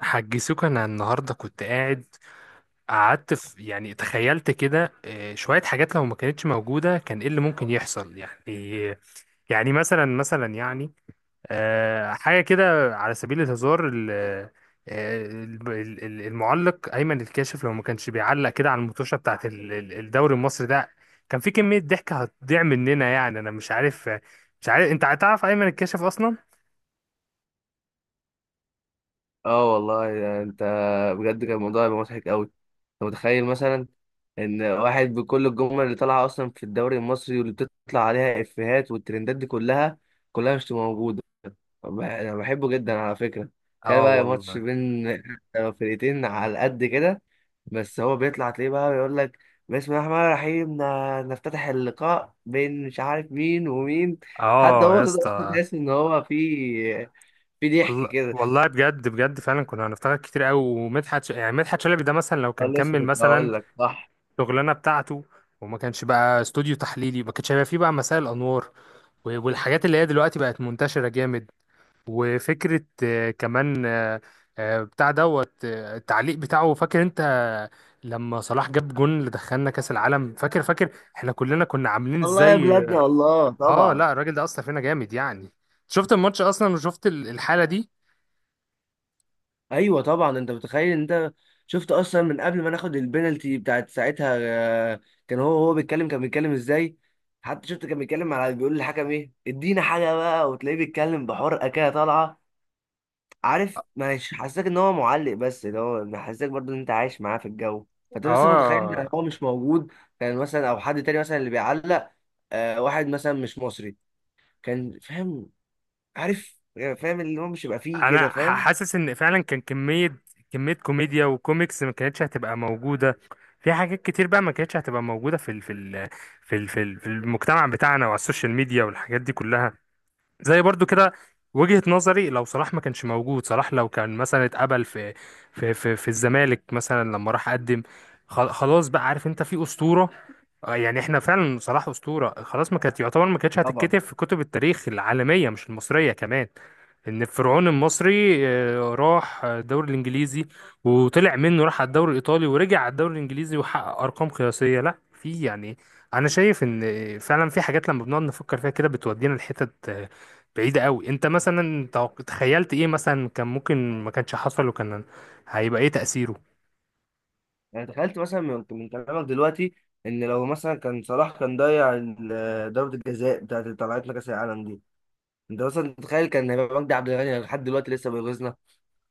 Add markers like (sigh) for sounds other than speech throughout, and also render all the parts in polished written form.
حاج سوكا انا النهارده كنت قعدت في يعني تخيلت كده شويه حاجات لو ما كانتش موجوده كان ايه اللي ممكن يحصل يعني. يعني مثلا يعني حاجه كده على سبيل الهزار المعلق ايمن الكاشف لو ما كانش بيعلق كده على المطوشه بتاعت الدوري المصري ده. كان في كميه ضحك هتضيع مننا يعني، انا مش عارف انت هتعرف ايمن الكاشف اصلا. اه والله. يعني انت بجد كان الموضوع هيبقى مضحك قوي. انت متخيل مثلا ان واحد بكل الجمل اللي طالعه اصلا في الدوري المصري واللي بتطلع عليها افيهات والترندات دي كلها مش تبقى موجوده. انا بحبه جدا على فكره. تخيل اه بقى ماتش والله. بين (laughs) فرقتين على قد كده، بس هو بيطلع تلاقيه بقى بيقول لك بسم الله الرحمن الرحيم، نفتتح اللقاء بين مش عارف مين ومين. حتى اه يا هو صوته أصلاً اسطى. تحس ان هو في في ضحك والله كده. والله بجد بجد فعلا كنا هنفتكر كتير قوي. ومدحت ش... يعني مدحت شلبي ده مثلا لو أه كان لسه كمل كنت مثلا هقول لك صح. شغلانه بتاعته، وما كانش بقى استوديو تحليلي، ما كانش هيبقى فيه بقى مساء الانوار، والحاجات اللي هي دلوقتي بقت منتشره جامد. وفكره كمان بتاع دوت التعليق بتاعه، فاكر انت لما صلاح جاب جون اللي دخلنا كاس العالم؟ فاكر فاكر احنا كلنا كنا عاملين الله يا ازاي؟ بلادنا، الله اه طبعا. لا، الراجل ده اثر فينا جامد يعني. شفت الماتش اصلا وشفت الحاله دي. ايوه طبعا. انت متخيل؟ انت شفت اصلا من قبل ما ناخد البنالتي بتاعت ساعتها، آه، كان هو بيتكلم، كان بيتكلم ازاي. حتى شفت كان بيتكلم، على بيقول للحكم ايه ادينا حاجه بقى، وتلاقيه بيتكلم بحرقه كده طالعه. عارف، مش حاسسك ان هو معلق، بس اللي هو محسسك برضه ان انت عايش معاه في الجو. فانت بس متخيل ان اه، هو مش موجود، كان مثلا او حد تاني مثلا اللي بيعلق، واحد مثلا مش مصري، كان فاهم، عارف يعني، فاهم اللي هو مش يبقى فيه انا كده، فاهم؟ حاسس ان فعلا كان كميه كميه كوميديا وكوميكس ما كانتش هتبقى موجوده. في حاجات كتير بقى ما كانتش هتبقى موجوده في المجتمع بتاعنا وعلى السوشيال ميديا والحاجات دي كلها. زي برضو كده، وجهة نظري لو صلاح ما كانش موجود، صلاح لو كان مثلا اتقبل في الزمالك مثلا لما راح قدم، خلاص بقى عارف انت في اسطوره. يعني احنا فعلا صلاح اسطوره خلاص، ما كانت يعتبر ما كانتش طبعا. هتتكتب في كتب التاريخ العالميه مش المصريه كمان، ان الفرعون المصري راح الدوري الانجليزي وطلع منه، راح على الدوري الايطالي ورجع على الدوري الانجليزي وحقق ارقام قياسيه. لا في يعني، انا شايف ان فعلا في حاجات لما بنقعد نفكر فيها كده بتودينا لحتت بعيده قوي. انت مثلا تخيلت ايه مثلا كان ممكن ما كانش حصل وكان هيبقى ايه تاثيره؟ يعني تخيلت مثلا، من كلامك دلوقتي، ان لو مثلا كان صلاح كان ضيع ضربة الجزاء بتاعت اللي طلعتنا كاس العالم دي، انت مثلا تخيل كان هيبقى مجدي عبد الغني لحد دلوقتي لسه بيغيظنا.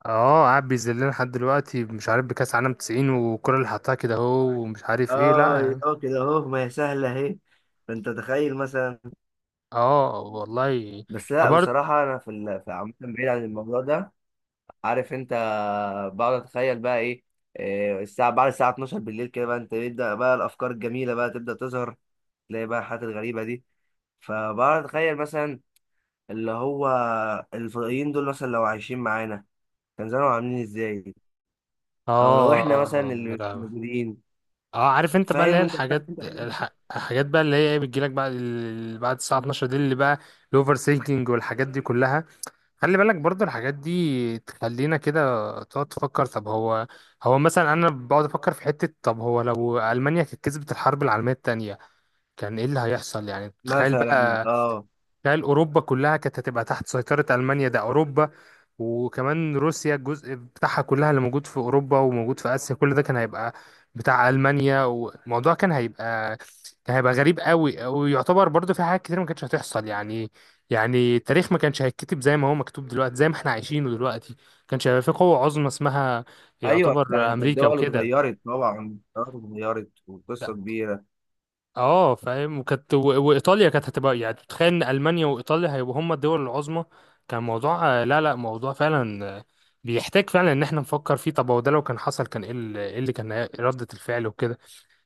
اه، قاعد بيذلنا لحد دلوقتي، مش عارف بكاس عالم 90 والكرة اللي حطها كده اهو ومش عارف ايه لا اه يعني. اه، كده اهو، ما هي سهلة اهي. فانت تخيل مثلا. اه والله. بس لا، برضه. بصراحة انا في في عامة بعيد عن الموضوع ده، عارف انت؟ بقعد اتخيل بقى ايه، إيه الساعة بعد الساعة 12 بالليل كده بقى، انت يبدأ بقى الافكار الجميلة بقى تبدأ تظهر، تلاقي بقى الحاجات الغريبة دي. فبقعد اتخيل مثلا اللي هو الفضائيين دول مثلا لو عايشين معانا، كان زمانهم عاملين ازاي، او لو احنا مثلا اه لا اللي مش لا. موجودين. اه، عارف انت بقى اللي هي فاهم انت؟ (laughs) عارف انت الحاجات دي؟ الحاجات بقى اللي هي ايه بتجيلك بعد بعد الساعة 12 دي، اللي بقى الاوفر سينكينج والحاجات دي كلها. خلي بالك برضه الحاجات دي تخلينا كده تقعد تفكر. طب هو مثلا انا بقعد افكر في حتة، طب هو لو المانيا كانت كسبت الحرب العالمية التانية كان ايه اللي هيحصل يعني؟ تخيل مثلا بقى، اه. تخيل اوروبا كلها كانت هتبقى تحت سيطرة المانيا، ده اوروبا وكمان روسيا الجزء بتاعها كلها اللي موجود في اوروبا وموجود في اسيا، كل ده كان هيبقى بتاع المانيا. والموضوع كان هيبقى، كان هيبقى غريب قوي، ويعتبر برضو في حاجات كتير ما كانتش هتحصل يعني. يعني التاريخ ما كانش هيتكتب زي ما هو مكتوب دلوقتي، زي ما احنا عايشينه دلوقتي. ما كانش هيبقى في قوة عظمى اسمها ايوه انت يعتبر أنت امريكا الدول وكده. اتغيرت، طبعا الدول اتغيرت وقصه كبيره. اه فاهم. وكانت وايطاليا كانت هتبقى، يعني تتخيل ان المانيا وايطاليا هيبقوا هما الدول العظمى. كان موضوع لا لا، موضوع فعلا بيحتاج فعلا ان احنا نفكر فيه. طب هو ده لو كان حصل كان ايه إيه اللي كان ردة الفعل وكده.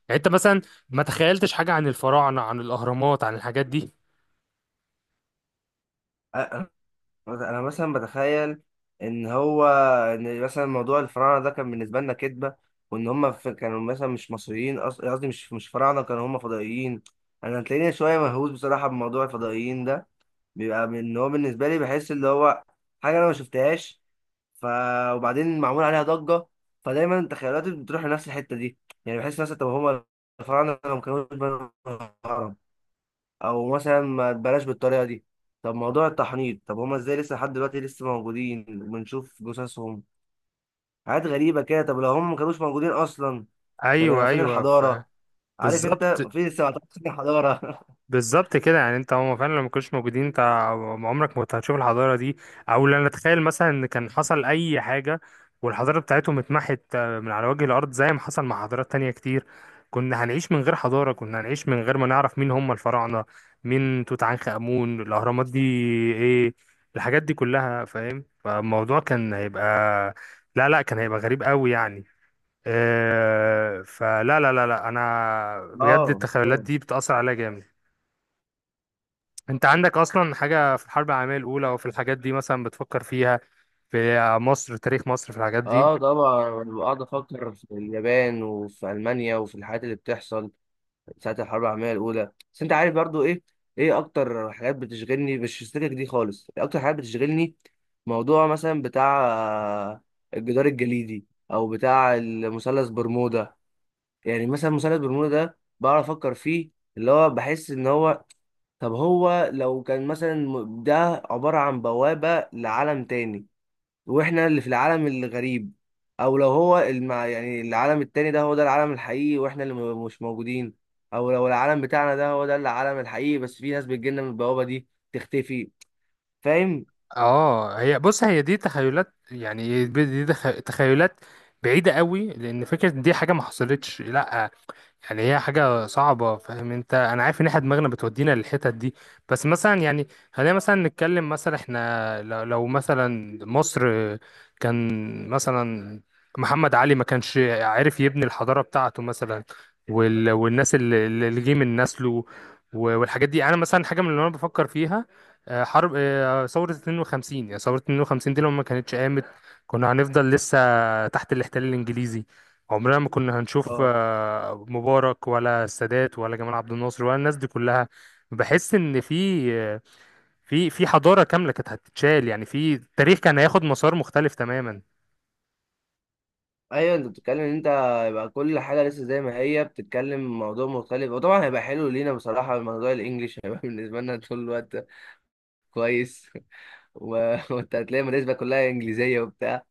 يعني انت مثلا ما تخيلتش حاجة عن الفراعنة، عن الاهرامات، عن الحاجات دي؟ أ- أ- انا مثلا بتخيل ان هو ان مثلا موضوع الفراعنه ده كان بالنسبه لنا كذبه، وان هم في كانوا مثلا مش مصريين، قصدي مش فراعنه، كانوا هم فضائيين. انا هتلاقيني شويه مهووس بصراحه بموضوع الفضائيين ده. بيبقى ان هو بالنسبه لي بحس اللي هو حاجه انا ما شفتهاش، ف وبعدين معمول عليها ضجه، فدايما تخيلاتي بتروح لنفس الحته دي. يعني بحس مثلا طب هما الفراعنه لو ما كانوش بنوا الهرم، او مثلا ما بلاش بالطريقه دي، طب موضوع التحنيط، طب هما ازاي لسه لحد دلوقتي لسه موجودين وبنشوف جثثهم. حاجات غريبه كده. طب لو هما ما كانوش موجودين اصلا، كان ايوه هيبقى فين ايوه، الحضاره؟ عارف انت؟ بالظبط. فين لسه ما حضاره. (laughs) بالظبط كده يعني، انت هم فعلا لو ما كانوش موجودين انت عمرك ما كنت هتشوف الحضاره دي. او لا نتخيل مثلا ان كان حصل اي حاجه والحضاره بتاعتهم اتمحت من على وجه الارض زي ما حصل مع حضارات تانية كتير. كنا هنعيش من غير حضاره، كنا هنعيش من غير ما نعرف مين هم الفراعنه، مين توت عنخ امون، الاهرامات دي ايه، الحاجات دي كلها فاهم. فالموضوع كان هيبقى، لا لا كان هيبقى غريب قوي يعني. فلا لا لا لا، انا بجد اه التخيلات طبعا. دي بتأثر عليا جامد. انت عندك اصلا حاجة في الحرب العالمية الاولى او في الحاجات دي مثلا بتفكر فيها، في مصر، تاريخ مصر، في الحاجات دي؟ اه طبعا بقعد افكر في اليابان وفي المانيا وفي الحاجات اللي بتحصل ساعه الحرب العالميه الاولى. بس انت عارف برضو ايه، ايه اكتر حاجات بتشغلني مش في السكك دي خالص، إيه اكتر حاجات بتشغلني، موضوع مثلا بتاع الجدار الجليدي، او بتاع المثلث برمودا. يعني مثلا مثلث برمودا ده بعرف افكر فيه، اللي هو بحس ان هو طب هو لو كان مثلا ده عباره عن بوابه لعالم تاني، واحنا اللي في العالم الغريب، او لو هو يعني العالم التاني ده هو ده العالم الحقيقي واحنا اللي مش موجودين، او لو العالم بتاعنا ده هو ده العالم الحقيقي بس في ناس بتجيلنا من البوابة دي تختفي. فاهم؟ اه، هي بص هي دي تخيلات يعني، دي تخيلات بعيدة قوي، لان فكرة إن دي حاجة ما حصلتش لا. يعني هي حاجة صعبة فاهم انت، انا عارف ان احنا دماغنا بتودينا للحتت دي، بس مثلا يعني خلينا مثلا نتكلم. مثلا احنا لو مثلا مصر، كان مثلا محمد علي ما كانش عارف يبني الحضارة بتاعته مثلا، والناس اللي جه من نسله والحاجات دي، انا مثلا حاجة من اللي انا بفكر فيها. حرب ثورة 52، يعني ثورة 52 دي لو ما كانتش قامت كنا هنفضل لسه تحت الاحتلال الانجليزي، عمرنا ما كنا هنشوف اه مبارك ولا السادات ولا جمال عبد الناصر ولا الناس دي كلها. بحس ان في آه، في حضارة كاملة كانت هتتشال، يعني في التاريخ كان هياخد مسار مختلف تماما. ايوه. انت بتتكلم ان انت يبقى كل حاجة لسه زي ما هي، بتتكلم موضوع مختلف، وطبعا هيبقى حلو لينا بصراحة، الموضوع الانجليش هيبقى (laughs) بالنسبة لنا طول الوقت كويس، (laughs) وانت هتلاقي المدارس بقى كلها انجليزيه وبتاع.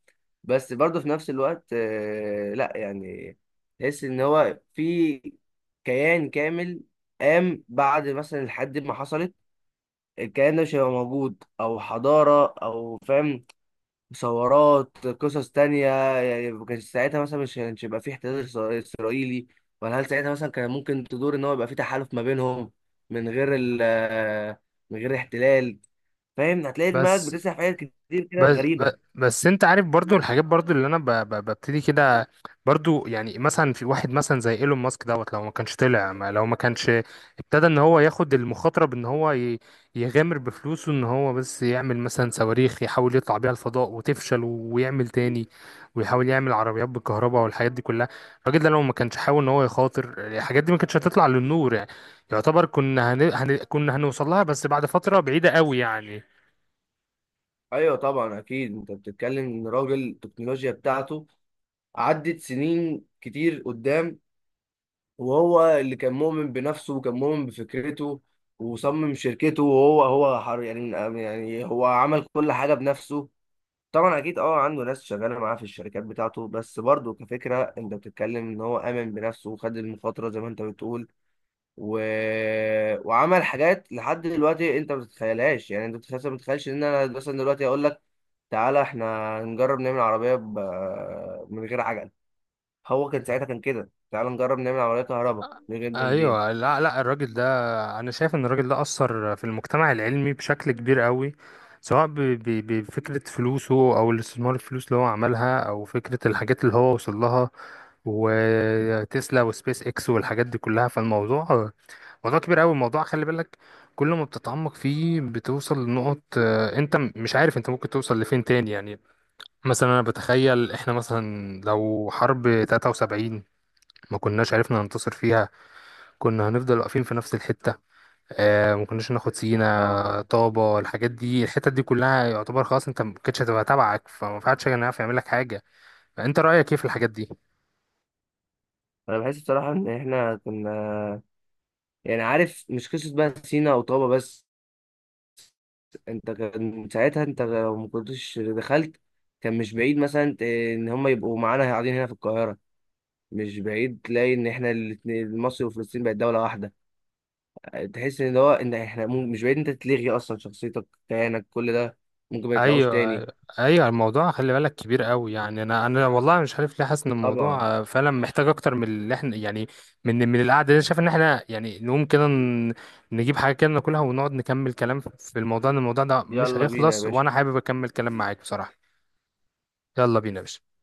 بس برضه في نفس الوقت، لا يعني، تحس ان هو في كيان كامل قام بعد مثلا الحد ما حصلت، الكيان ده مش هيبقى موجود، او حضاره، او فاهم، مصورات قصص تانية. يعني ما كانش ساعتها مثلا، مش كانش يبقى في احتلال اسرائيلي، ولا هل ساعتها مثلا كان ممكن تدور ان هو يبقى في تحالف ما بينهم، من غير ال آه، من غير احتلال. فاهم؟ هتلاقي دماغك بس بتسرح في حاجات كتير كده بس ب- غريبه. بس انت عارف برضو الحاجات، برضو اللي انا ببتدي كده. برضو يعني مثلا في واحد مثلا زي ايلون ماسك دوت لو ما كانش طلع، ما لو ما كانش ابتدى ان هو ياخد المخاطره، بان هو يغامر بفلوسه ان هو بس يعمل مثلا صواريخ يحاول يطلع بيها الفضاء وتفشل ويعمل تاني، ويحاول يعمل عربيات بالكهرباء والحاجات دي كلها. الراجل ده لو ما كانش حاول ان هو يخاطر الحاجات دي ما كانتش هتطلع للنور يعني. يعتبر كنا كنا هنوصل لها بس بعد فتره بعيده قوي يعني. ايوه طبعا اكيد. انت بتتكلم ان راجل التكنولوجيا بتاعته عدت سنين كتير قدام، وهو اللي كان مؤمن بنفسه وكان مؤمن بفكرته وصمم شركته، وهو هو حر يعني. يعني هو عمل كل حاجه بنفسه. طبعا اكيد اه عنده ناس شغاله معاه في الشركات بتاعته، بس برضه كفكره انت بتتكلم ان هو امن بنفسه وخد المخاطره زي ما انت بتقول، و... وعمل حاجات لحد دلوقتي انت ما تتخيلهاش. يعني انت ما تتخيلش ان انا مثلا دلوقتي اقول لك تعالى احنا نجرب نعمل عربيه من غير عجل. هو كان ساعتها كان كده تعالى نجرب نعمل عربيه كهرباء من غير بنزين. ايوه لا لا، الراجل ده، انا شايف ان الراجل ده اثر في المجتمع العلمي بشكل كبير قوي، سواء بفكره فلوسه او الاستثمار الفلوس اللي هو عملها او فكره الحاجات اللي هو وصل لها، وتسلا وسبيس اكس والحاجات دي كلها. فالموضوع موضوع كبير قوي، الموضوع خلي بالك كل ما بتتعمق فيه بتوصل لنقط انت مش عارف انت ممكن توصل لفين تاني يعني. مثلا انا بتخيل احنا مثلا لو حرب 73 ما كناش عرفنا ننتصر فيها كنا هنفضل واقفين في نفس الحتة. ما كناش ناخد اه. سينا طابة، الحاجات دي الحتت دي كلها يعتبر خلاص، انت ما كانتش هتبقى تبعك، فما فيهاش حاجة يعرف يعمل لك حاجة. فانت رأيك ايه في الحاجات دي؟ انا بحس بصراحه ان احنا كنا، يعني عارف مش قصه بقى سينا او طابه بس، انت كان ساعتها انت لو ما كنتش دخلت، كان مش بعيد مثلا ان هم يبقوا معانا قاعدين هنا في القاهره، مش بعيد تلاقي ان احنا مصر وفلسطين بقت دوله واحده. تحس ان هو ان احنا مش بعيد انت تلغي اصلا شخصيتك كيانك كل ده، ممكن ما يطلعوش ايوه تاني. ايوه، الموضوع خلي بالك كبير قوي يعني. انا والله مش عارف ليه حاسس ان الموضوع طبعا. فعلا محتاج اكتر من اللي احنا يعني، من القعده دي. أنا شايف ان احنا يعني نقوم كده نجيب حاجه كده ناكلها ونقعد نكمل كلام في الموضوع، ان الموضوع ده مش يلا بينا يا هيخلص وانا باشا. حابب اكمل كلام معاك بصراحه. يلا بينا يا باشا.